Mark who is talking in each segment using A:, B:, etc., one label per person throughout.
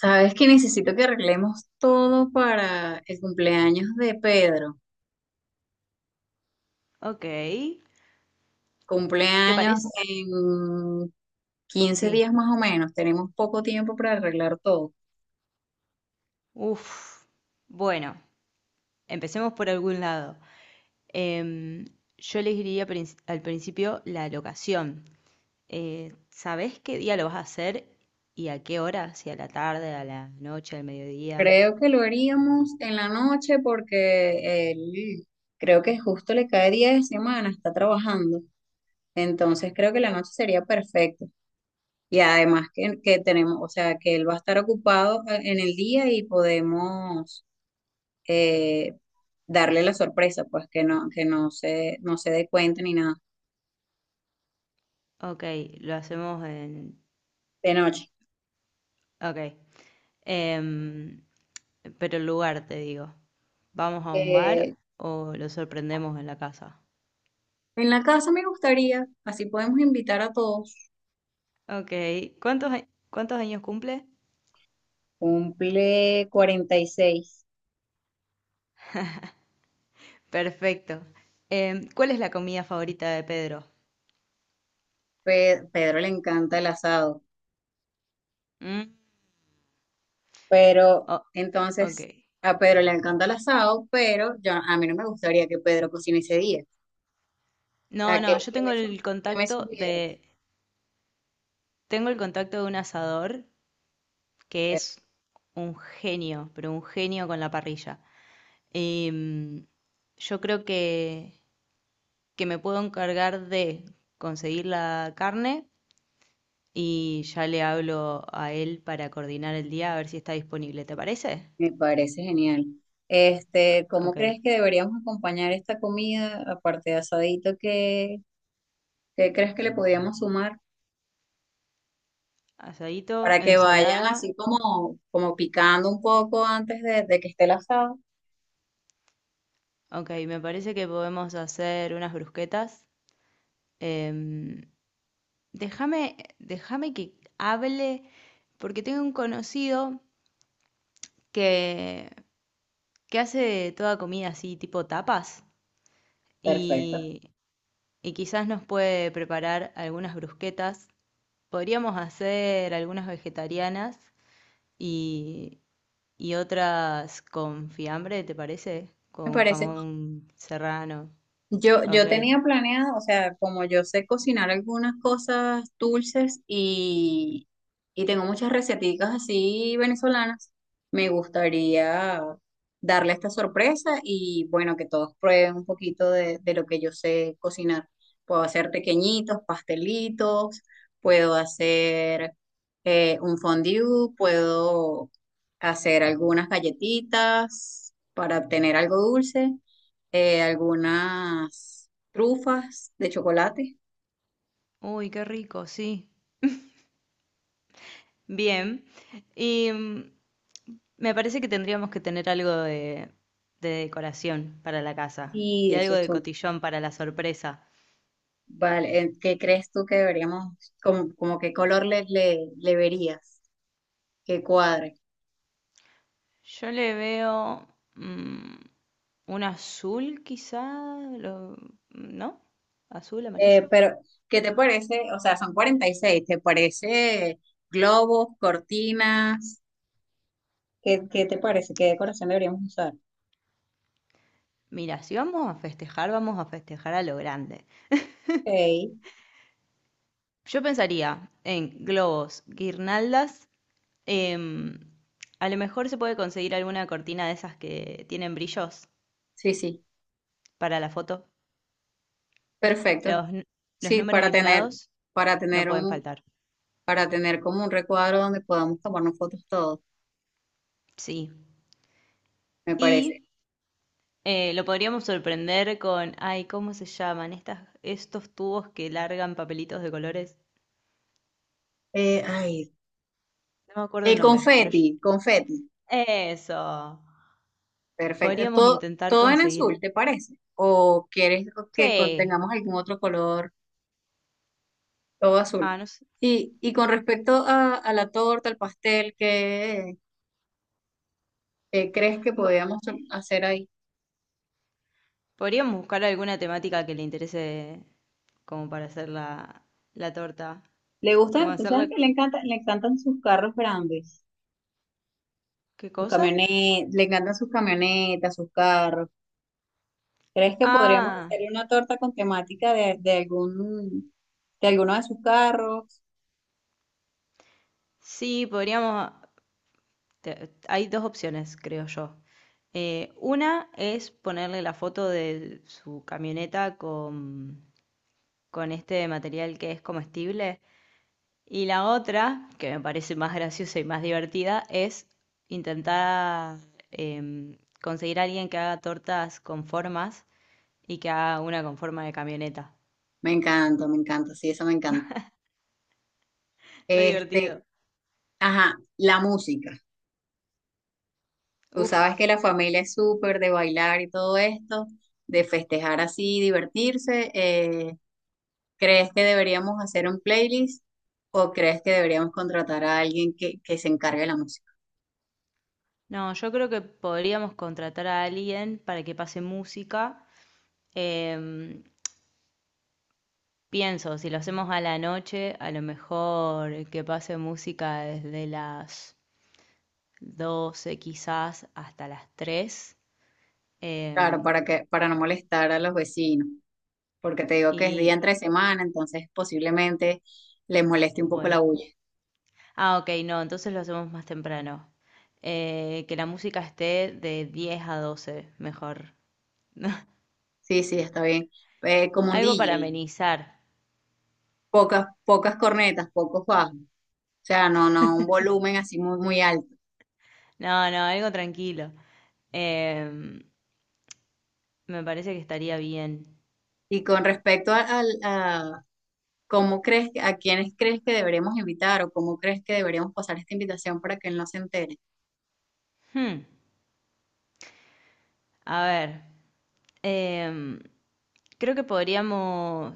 A: Sabes que necesito que arreglemos todo para el cumpleaños de Pedro.
B: Ok. ¿Te
A: Cumpleaños
B: parece?
A: en quince
B: Sí.
A: días más o menos. Tenemos poco tiempo para arreglar todo.
B: Uf. Bueno, empecemos por algún lado. Em, yo elegiría al principio la locación. ¿Sabés qué día lo vas a hacer y a qué hora? Si a la tarde, a la noche, al mediodía.
A: Creo que lo haríamos en la noche porque él creo que justo le cae día de semana, está trabajando. Entonces creo que la noche sería perfecto. Y además que tenemos, o sea, que él va a estar ocupado en el día y podemos eh, darle la sorpresa, pues que no se, no se dé cuenta ni nada
B: Ok, lo hacemos en.
A: de noche.
B: Ok. Em, pero el lugar, te digo. ¿Vamos a un
A: Eh,
B: bar o lo sorprendemos en la casa?
A: en la casa me gustaría, así podemos invitar a todos.
B: Ok. ¿Cuántos, cuántos años cumple?
A: Cumple 46.
B: Perfecto. ¿Cuál es la comida favorita de Pedro?
A: Pedro le encanta el asado,
B: ¿Mm?
A: pero
B: Oh, ok.
A: entonces a Pedro le encanta el asado, pero yo, a mí no me gustaría que Pedro cocine ese día. O sea,
B: No,
A: que,
B: no, yo
A: que me, su- que me sugieres.
B: tengo el contacto de un asador que es un genio, pero un genio con la parrilla. Em, yo creo que me puedo encargar de conseguir la carne y ya le hablo a él para coordinar el día a ver si está disponible. ¿Te parece?
A: Me parece genial. Este, ¿cómo
B: Ok.
A: crees que deberíamos acompañar esta comida, aparte de asadito, qué crees que le podríamos sumar
B: Asadito,
A: para que vayan
B: ensalada.
A: así como, como picando un poco antes de que esté el asado?
B: Ok, me parece que podemos hacer unas brusquetas. Em, déjame, déjame que hable, porque tengo un conocido que, que hace toda comida así, tipo tapas,
A: Perfecto.
B: y, y quizás nos puede preparar algunas brusquetas. Podríamos hacer algunas vegetarianas y, y otras con fiambre, ¿te parece?
A: Me
B: Con
A: parece.
B: jamón serrano.
A: Yo,
B: Ok.
A: yo tenía planeado, o sea, como yo sé cocinar algunas cosas dulces y tengo muchas receticas así venezolanas, me gustaría darle esta sorpresa y bueno, que todos prueben un poquito de lo que yo sé cocinar. Puedo hacer pequeñitos, pastelitos, puedo hacer un fondue, puedo hacer algunas galletitas para tener algo dulce, algunas trufas de chocolate
B: Uy, qué rico, sí. Bien, y me parece que tendríamos que tener algo de decoración para la casa
A: y
B: y algo
A: esos
B: de
A: son,
B: cotillón para la sorpresa.
A: vale, ¿qué crees tú que deberíamos, como, como qué color le verías, que cuadre?
B: Yo le veo mm, un azul quizá, lo- ¿no? Azul, amarillo.
A: Pero, ¿qué te parece? O sea, son 46, ¿te parece globos, cortinas? ¿Qué te parece? ¿Qué decoración deberíamos usar?
B: Mira, si vamos a festejar, vamos a festejar a lo grande.
A: Ok.
B: Yo pensaría en globos, guirnaldas, em, a lo mejor se puede conseguir alguna cortina de esas que tienen brillos
A: Sí, sí,
B: para la foto.
A: perfecto.
B: Los, n- los
A: Sí,
B: números
A: para tener,
B: inflados
A: para
B: no
A: tener
B: pueden
A: un,
B: faltar.
A: para tener como un recuadro donde podamos tomarnos fotos todos,
B: Sí.
A: me parece.
B: Y lo podríamos sorprender con, ay, ¿cómo se llaman? Estos tubos que largan papelitos de colores.
A: Eh, ay,
B: No me acuerdo
A: el
B: el nombre, pero
A: confeti, confeti.
B: eso.
A: Perfecto. Eh,
B: Podríamos
A: Todo,
B: intentar
A: todo en
B: conseguir.
A: azul, ¿te parece? ¿O quieres que
B: Sí.
A: contengamos algún otro color, todo azul?
B: Ah, no sé.
A: Y con respecto a la torta, al pastel, ¿qué crees que
B: Bu-
A: podíamos hacer ahí?
B: Podríamos buscar alguna temática que le interese como para hacer la torta.
A: Le gusta,
B: ¿Cómo
A: tú sabes
B: hacerla?
A: que le encanta, le encantan sus carros grandes,
B: ¿Qué
A: sus
B: cosa?
A: camionetas, le encantan sus camionetas, sus carros. ¿Crees que podríamos
B: Ah,
A: hacer una torta con temática de alguno de sus carros?
B: sí, podríamos. Hay dos opciones, creo yo. Una es ponerle la foto de su camioneta con este material que es comestible. Y la otra, que me parece más graciosa y más divertida, es intentar conseguir a alguien que haga tortas con formas y que haga una con forma de camioneta.
A: Me encanta, sí, eso me encanta.
B: Re
A: Este,
B: divertido.
A: ajá, la música. Tú sabes que
B: Uf.
A: la familia es súper de bailar y todo esto, de festejar así, divertirse. ¿Crees que deberíamos hacer un playlist o crees que deberíamos contratar a alguien que se encargue de la música?
B: No, yo creo que podríamos contratar a alguien para que pase música. em, Pienso, si lo hacemos a la noche, a lo mejor que pase música desde las 12 quizás hasta las 3
A: Claro,
B: em,
A: para no molestar a los vecinos, porque te digo que es día
B: y
A: entre semana, entonces posiblemente les moleste un poco la
B: bueno,
A: bulla.
B: ah, ok, no, entonces lo hacemos más temprano. Que la música esté de 10 a 12 mejor.
A: Sí, sí, está bien. Como un
B: Algo para
A: DJ.
B: amenizar.
A: Pocas, pocas cornetas, pocos bajos. O sea, no, no, un volumen así muy, muy alto.
B: No, no, algo tranquilo. Em, me parece que estaría bien.
A: Y con respecto a cómo crees, a quiénes crees que deberemos invitar o cómo crees que deberíamos pasar esta invitación para que él no se entere.
B: Hmm, a ver, em, creo que podríamos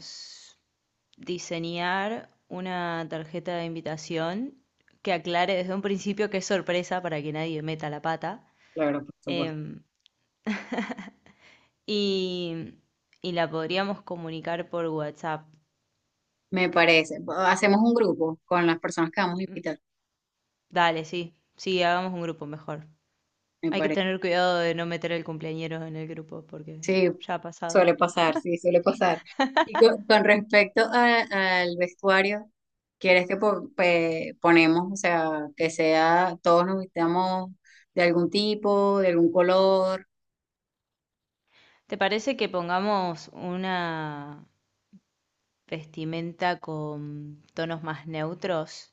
B: diseñar una tarjeta de invitación que aclare desde un principio que es sorpresa para que nadie meta la pata.
A: Claro, por supuesto.
B: Em, y, y la podríamos comunicar por WhatsApp.
A: Me parece. Hacemos un grupo con las personas que vamos a invitar,
B: Dale, sí, sí, hagamos un grupo mejor.
A: me
B: Hay que
A: parece.
B: tener cuidado de no meter el cumpleañero en el grupo porque
A: Sí,
B: ya ha pasado.
A: suele pasar, sí, suele pasar. Y con respecto al vestuario, ¿quieres que ponemos, o sea, que sea, todos nos vistamos de algún tipo, de algún color,
B: ¿Te parece que pongamos una vestimenta con tonos más neutros?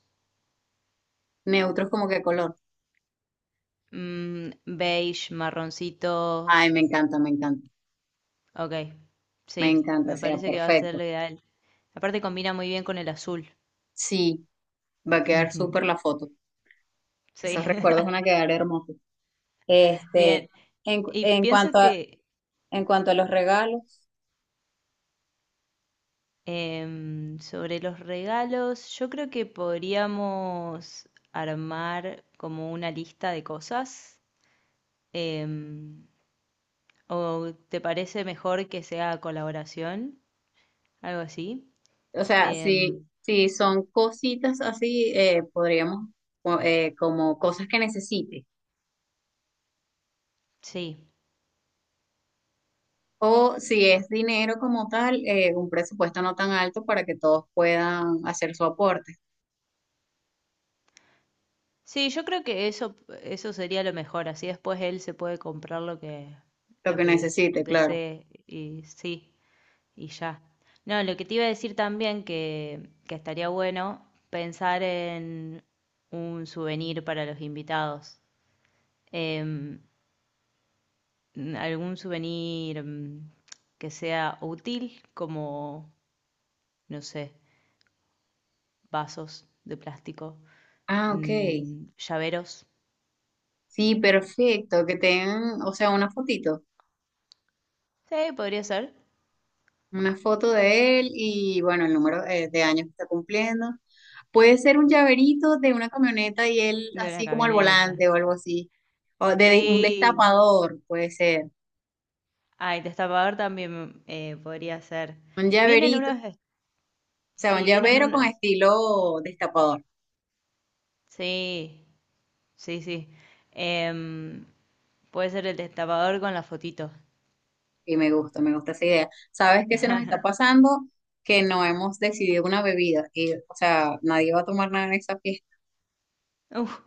A: neutros como que color?
B: Beige,
A: Ay,
B: marroncitos.
A: me encanta, me encanta,
B: Ok,
A: me
B: sí,
A: encanta, o
B: me
A: sea,
B: parece que va a ser
A: perfecto.
B: lo ideal. Aparte combina muy bien con el azul,
A: Sí, va a quedar súper la foto. Esos
B: sí,
A: recuerdos van a quedar hermosos. Este,
B: bien.
A: en,
B: Y
A: en
B: pienso
A: cuanto a,
B: que
A: en cuanto a los regalos.
B: sobre los regalos, yo creo que podríamos armar como una lista de cosas. em, ¿o te parece mejor que sea colaboración? Algo así.
A: O sea, si,
B: Em,
A: si son cositas así, podríamos, como cosas que necesite.
B: sí.
A: O si es dinero como tal, un presupuesto no tan alto para que todos puedan hacer su aporte,
B: Sí, yo creo que eso sería lo mejor, así después él se puede comprar lo que,
A: lo
B: lo
A: que
B: que
A: necesite, claro.
B: desee y sí, y ya. No, lo que te iba a decir también que estaría bueno pensar en un souvenir para los invitados. Em, algún souvenir que sea útil, como, no sé, vasos de plástico,
A: Ah, ok.
B: llaveros.
A: Sí, perfecto. Que tengan, o sea, una fotito,
B: Sí, podría ser.
A: una foto de él y bueno, el número de años que está cumpliendo. Puede ser un llaverito de una camioneta y él
B: De una
A: así como al
B: camioneta.
A: volante o algo así. O de un
B: Sí,
A: destapador, puede ser.
B: ay, destapador también podría ser.
A: Un
B: Vienen
A: llaverito, o
B: unos,
A: sea, un
B: sí, vienen
A: llavero con
B: unos,
A: estilo destapador.
B: sí, sí, sí. Em, puede ser el destapador con la fotito.
A: Y me gusta esa idea. ¿Sabes qué se nos está pasando? Que no hemos decidido una bebida. Y, o sea, nadie va a tomar nada en esa fiesta.
B: Uf,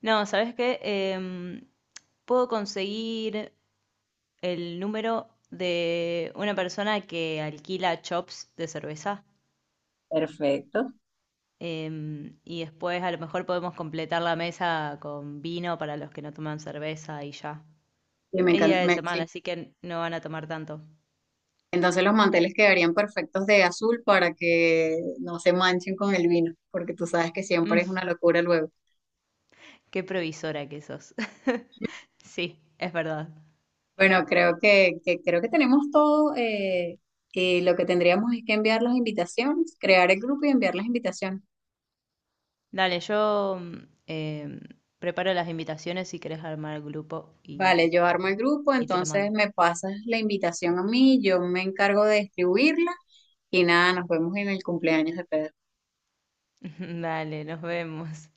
B: no, ¿sabes qué? Puedo conseguir el número de una persona que alquila chops de cerveza.
A: Perfecto.
B: Y después a lo mejor podemos completar la mesa con vino para los que no toman cerveza y ya.
A: Y me
B: Es
A: encanta.
B: día de semana, así que no van a tomar tanto.
A: Entonces los manteles quedarían perfectos de azul para que no se manchen con el vino, porque tú sabes que siempre
B: Mm,
A: es una locura luego.
B: qué provisora que sos. Sí, es verdad.
A: Bueno, creo que tenemos todo. Y lo que tendríamos es que enviar las invitaciones, crear el grupo y enviar las invitaciones.
B: Dale, yo em, preparo las invitaciones si querés armar el grupo
A: Vale,
B: y,
A: yo armo el grupo,
B: y te lo
A: entonces
B: mando.
A: me pasas la invitación a mí, yo me encargo de distribuirla y nada, nos vemos en el cumpleaños de Pedro.
B: Dale, nos vemos.